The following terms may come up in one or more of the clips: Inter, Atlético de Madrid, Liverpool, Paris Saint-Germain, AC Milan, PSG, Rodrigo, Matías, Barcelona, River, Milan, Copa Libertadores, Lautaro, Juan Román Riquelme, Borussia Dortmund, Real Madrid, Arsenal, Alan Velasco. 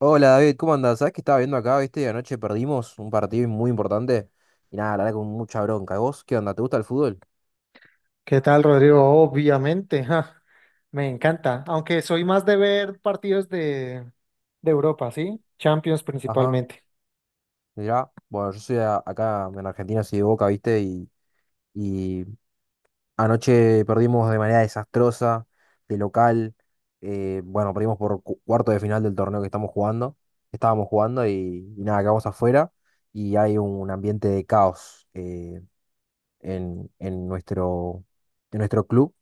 Hola David, ¿cómo andás? ¿Sabés que estaba viendo acá, viste? Anoche perdimos un partido muy importante y nada, la verdad con mucha bronca. ¿Vos qué onda? ¿Te gusta el fútbol? ¿Qué tal, Rodrigo? Obviamente, ja, me encanta, aunque soy más de ver partidos de Europa, ¿sí? Champions Ajá, principalmente. mirá. Bueno, yo soy acá en Argentina, soy de Boca, viste, y anoche perdimos de manera desastrosa, de local. Bueno, perdimos por cuarto de final del torneo que estamos jugando. Estábamos jugando y nada, quedamos afuera y hay un ambiente de caos, en, en nuestro, en nuestro club.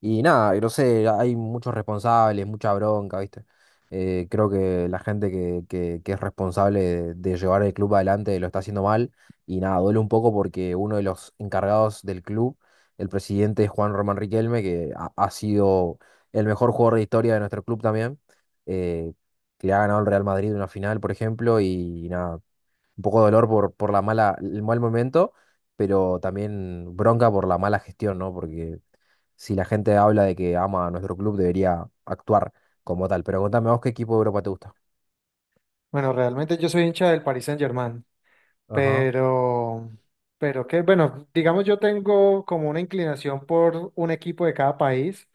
Y nada, y no sé, hay muchos responsables, mucha bronca, ¿viste? Creo que la gente que es responsable de llevar el club adelante lo está haciendo mal. Y nada, duele un poco porque uno de los encargados del club, el presidente es Juan Román Riquelme, que ha sido el mejor jugador de historia de nuestro club también, eh, que le ha ganado el Real Madrid una final, por ejemplo, y nada, un poco de dolor por la mala, el mal momento, pero también bronca por la mala gestión, ¿no? Porque si la gente habla de que ama a nuestro club, debería actuar como tal. Pero contame vos qué equipo de Europa te gusta. Bueno, realmente yo soy hincha del Paris Saint-Germain. Ajá, Pero, bueno, digamos yo tengo como una inclinación por un equipo de cada país,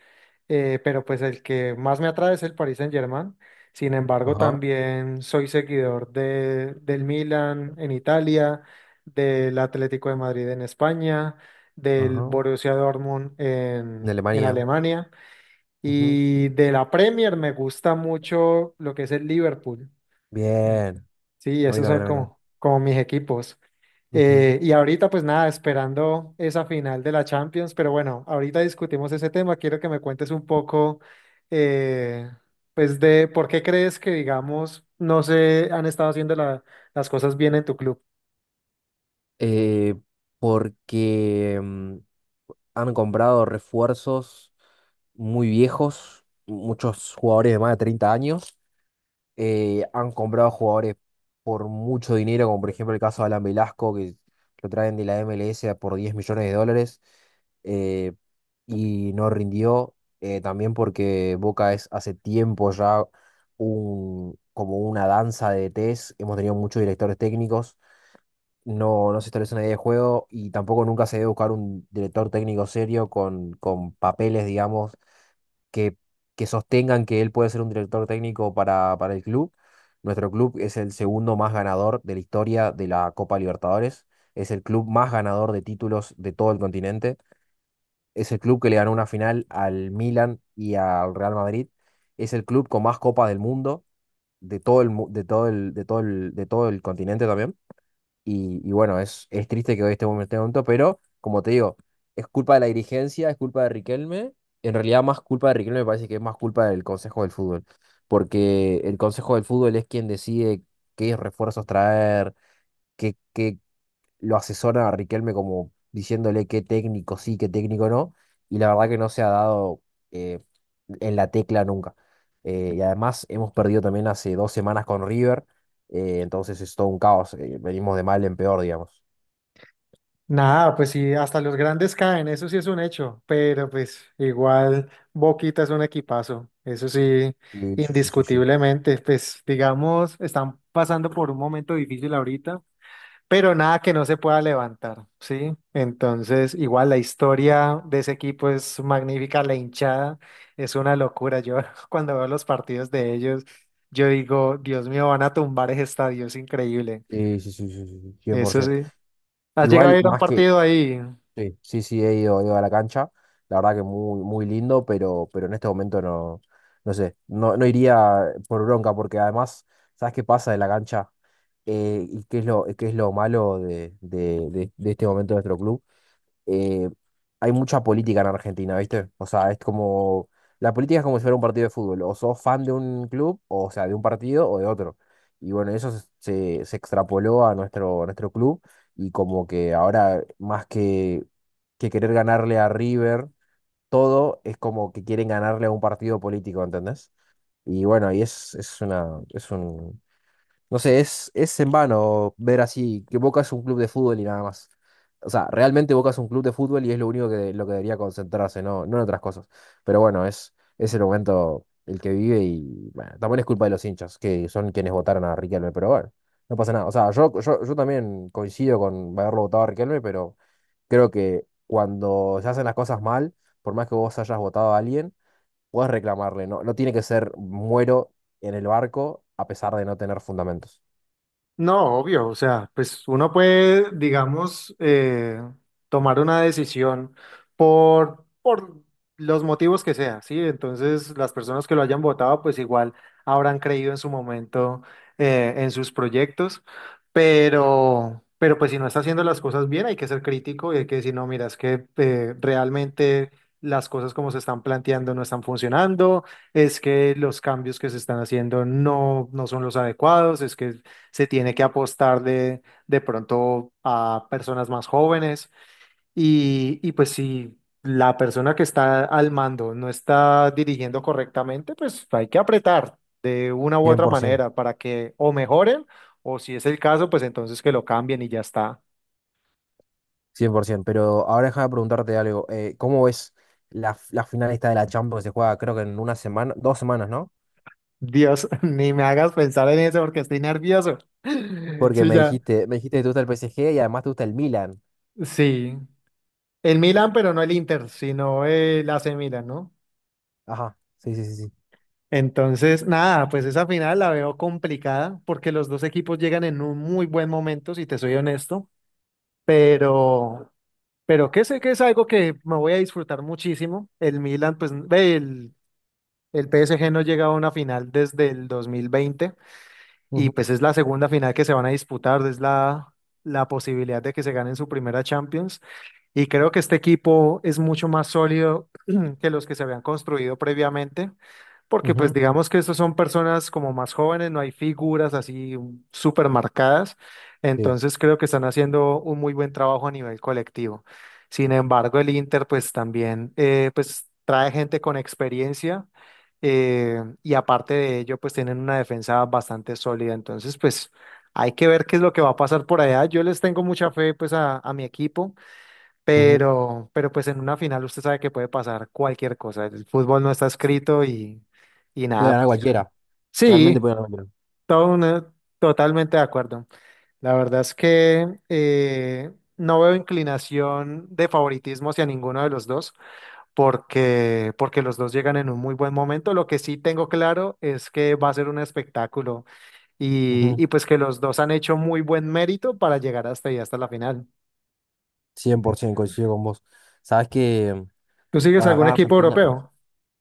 pero pues el que más me atrae es el Paris Saint-Germain. Sin embargo, ajá, también soy seguidor del Milan en Italia, del Atlético de Madrid en España, del ajá. Borussia Dortmund De en Alemania. Alemania Ujú. y de la Premier me gusta mucho lo que es el Liverpool. Ent- Bien. Sí, A mí esos también, son a mí también. Como mis equipos. Ujú. Y ahorita, pues nada, esperando esa final de la Champions, pero bueno, ahorita discutimos ese tema. Quiero que me cuentes un poco, eh, pues, de por qué crees que, digamos, no se han estado haciendo las cosas bien en tu club. Eh, Porque han comprado refuerzos muy viejos, muchos jugadores de más de 30 años. Han comprado jugadores por mucho dinero, como por ejemplo el caso de Alan Velasco, que lo traen de la MLS a por 10 millones de dólares. eh, y no rindió. También porque Boca es hace tiempo ya como una danza de DTs. Hemos tenido muchos directores técnicos, no, no se establece una idea de juego y tampoco nunca se debe buscar un director técnico serio con papeles, digamos que, que sostengan que él puede ser un director técnico para el club. Nuestro club es el segundo más ganador de la historia de la Copa Libertadores. Es el club más ganador de títulos de todo el continente. Es el club que le ganó una final al Milan y al Real Madrid. Es el club con más copas del mundo, de todo el, mu- de todo el, de todo el, de todo el continente también. Y bueno, es triste que hoy estemos en este momento, pero como te digo, es culpa de la dirigencia, es culpa de Riquelme. En realidad, más culpa de Riquelme me parece que es más culpa del Consejo del Fútbol, porque el Consejo del Fútbol es quien decide qué refuerzos traer, qué, qué, lo asesora a Riquelme como diciéndole qué técnico sí, qué técnico no, y la verdad que no se ha dado, eh, en la tecla nunca. Y además hemos perdido también hace 2 semanas con River, entonces es todo un caos, venimos de mal en peor, digamos. Nada, pues sí, hasta los grandes caen, eso sí es un hecho, pero pues igual Boquita es un equipazo, eso sí, Sí, sí, sí, sí, sí. indiscutiblemente, pues digamos, están pasando por un momento difícil ahorita, pero nada que no se pueda levantar, ¿sí? Entonces, igual la historia de ese equipo es magnífica, la hinchada es una locura, yo cuando veo los partidos de ellos, yo digo, Dios mío, van a tumbar ese estadio, es increíble, Sí, sí, sí, sí, sí, sí, eso 100%. sí. ¿Has llegado a Igual, ir a un partido ahí? sí, sí, sí, he ido a la cancha. La verdad que muy, muy lindo, pero en este momento no, no sé, no, no iría, por bronca, porque además, ¿sabes qué pasa de la cancha? ¿Y qué es lo malo de este momento de nuestro club? eh, Hay mucha política en Argentina, ¿viste? O sea, la política es como si fuera un partido de fútbol, o sos fan de un club, o sea, de un partido o de otro. Y bueno, eso se extrapoló a nuestro club y como que ahora, más que querer ganarle a River, todo es como que quieren ganarle a un partido político, ¿entendés? Y bueno, y es una, es un, no sé, es en vano ver así que Boca es un club de fútbol y nada más. O sea, realmente Boca es un club de fútbol y es lo único que, lo que debería concentrarse, no, no en otras cosas. Pero bueno, es el momento el que vive y bueno, también es culpa de los hinchas, que son quienes votaron a Riquelme, pero bueno, no pasa nada. O sea, yo también coincido con haberlo votado a Riquelme, pero creo que cuando se hacen las cosas mal, por más que vos hayas votado a alguien, puedes reclamarle, no, no tiene que ser muero en el barco a pesar de no tener fundamentos. No, obvio, o sea, pues uno puede, digamos, tomar una decisión por los motivos que sea, ¿sí? Entonces, las personas que lo hayan votado, pues igual habrán creído en su momento en sus proyectos, pero pues si no está haciendo las cosas bien, hay que ser crítico y hay que decir, no, mira, es que realmente las cosas como se están planteando no están funcionando, es que los cambios que se están haciendo no son los adecuados, es que se tiene que apostar de pronto a personas más jóvenes y pues si la persona que está al mando no está dirigiendo correctamente, pues hay que apretar de una cien u cien otra por ciento, manera para que o mejoren o si es el caso, pues entonces que lo cambien y ya está. cien por 100%. Pero ahora déjame preguntarte algo. ¿Cómo ves la final esta de la Champions que se juega, creo que en una semana, dos semanas, ¿no? Dios, ni me hagas pensar en eso porque estoy nervioso. Porque Sí, me ya. dijiste, me dijiste que te gusta el PSG y además te gusta el Milan. Sí. El Milan, pero no el Inter, sino el AC Milan, ¿no? Ajá, sí, sí, sí, sí. Entonces, nada, pues esa final la veo complicada porque los dos equipos llegan en un muy buen momento, si te soy honesto, pero, pero que sé que es algo que me voy a disfrutar muchísimo. El Milan, pues, ve, el PSG no llega a una final desde el 2020 y Ujú, pues es la segunda final que se van a disputar, es la posibilidad de que se ganen su primera Champions. Y creo que este equipo es mucho más sólido que los que se habían construido previamente, porque pues ujú, digamos que estos son personas como más jóvenes, no hay figuras así súper marcadas, sí, entonces creo que están haciendo un muy buen trabajo a nivel colectivo. Sin embargo, el Inter pues también pues trae gente con experiencia y aparte de ello pues tienen una defensa bastante sólida, entonces pues hay que ver qué es lo que va a pasar por allá. Yo les tengo mucha fe pues a mi equipo ujú. Pero pues en una final usted sabe que puede pasar cualquier cosa. El fútbol no está escrito y Puede nada, ganar pues ya. cualquiera, realmente Sí, puede ganar cualquiera. todo una- totalmente de acuerdo. La verdad es que no veo inclinación de favoritismo hacia ninguno de los dos, porque los dos llegan en un muy buen momento. Lo que sí tengo claro es que va a ser un espectáculo Ujú, y pues que los dos han hecho muy buen mérito para llegar hasta ahí, hasta la final. 100% coincido con vos. Sabes que ¿Tú sigues para acá algún en equipo Argentina, europeo?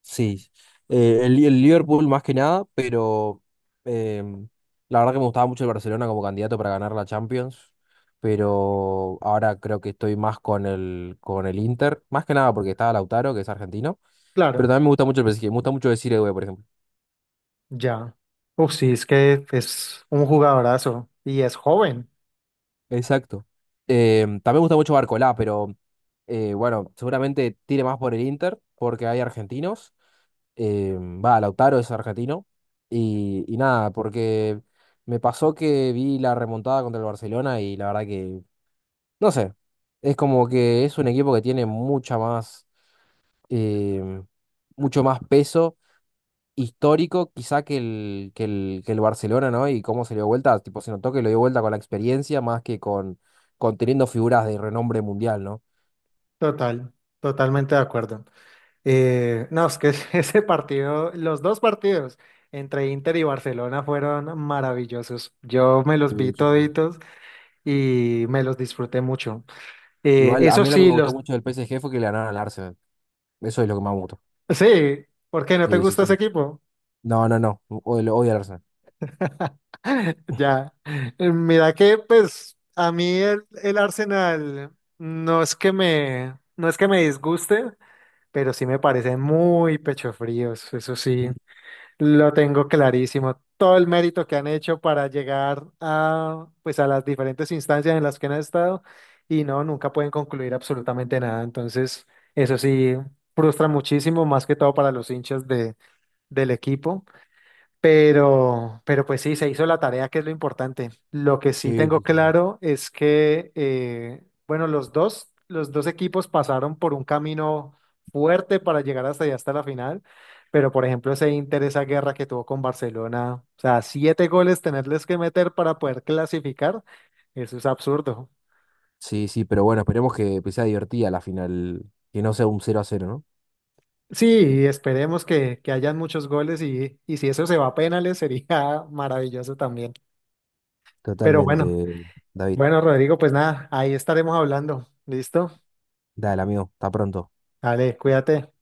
sí, el Liverpool más que nada, pero, eh, la verdad que me gustaba mucho el Barcelona como candidato para ganar la Champions, pero ahora creo que estoy más con el Inter, más que nada porque estaba Lautaro, que es argentino, pero Claro. también me gusta mucho el PSG, me gusta mucho decir Edu, por ejemplo. Ya. Uf, sí, es que es un jugadorazo y es joven. Exacto. También me gusta mucho Barcolá, pero, bueno, seguramente tire más por el Inter porque hay argentinos, va, Lautaro es argentino. Y nada, porque me pasó que vi la remontada contra el Barcelona y la verdad que, no sé, es como que es un equipo que tiene mucha más, eh, mucho más peso histórico quizá que el Barcelona, ¿no? Y cómo se le dio vuelta, tipo, se notó que lo dio vuelta con la experiencia más que con teniendo figuras de renombre mundial, ¿no? Total, totalmente de acuerdo. No, es que ese partido, los dos partidos entre Inter y Barcelona fueron maravillosos. Yo me los vi Sí, sí, sí. toditos y me los disfruté mucho. Igual, a Eso mí lo que sí, me gustó los... mucho del PSG fue que le ganaron al Arsenal. Eso es lo que más me gustó. Sí, ¿por qué no te Sí, sí, gusta ese sí. equipo? No, no, no. Odio, odio al Arsenal. Ya. Mira que pues a mí el Arsenal no es que me, no es que me disguste, pero sí me parecen muy pecho fríos, eso Mm. sí, lo tengo clarísimo. Todo el mérito que han hecho para llegar a, pues, a las diferentes instancias en las que han estado y no, nunca pueden concluir absolutamente nada. Entonces, eso sí, frustra muchísimo, más que todo para los hinchas del equipo. Pero pues sí, se hizo la tarea, que es lo importante. Lo que sí Sí, tengo sí, sí. claro es que, bueno, los dos equipos pasaron por un camino fuerte para llegar hasta allá, hasta la final. Pero, por ejemplo, ese Inter, esa guerra que tuvo con Barcelona, o sea, 7 goles tenerles que meter para poder clasificar, eso es absurdo. Sí, sí, pero bueno, esperemos que sea divertida la final. Que no sea un 0-0, ¿no? Sí, esperemos que hayan muchos goles y si eso se va a penales sería maravilloso también. Pero bueno. Totalmente, David. Bueno, Rodrigo, pues nada, ahí estaremos hablando. ¿Listo? Dale, amigo. Hasta pronto. Dale, cuídate.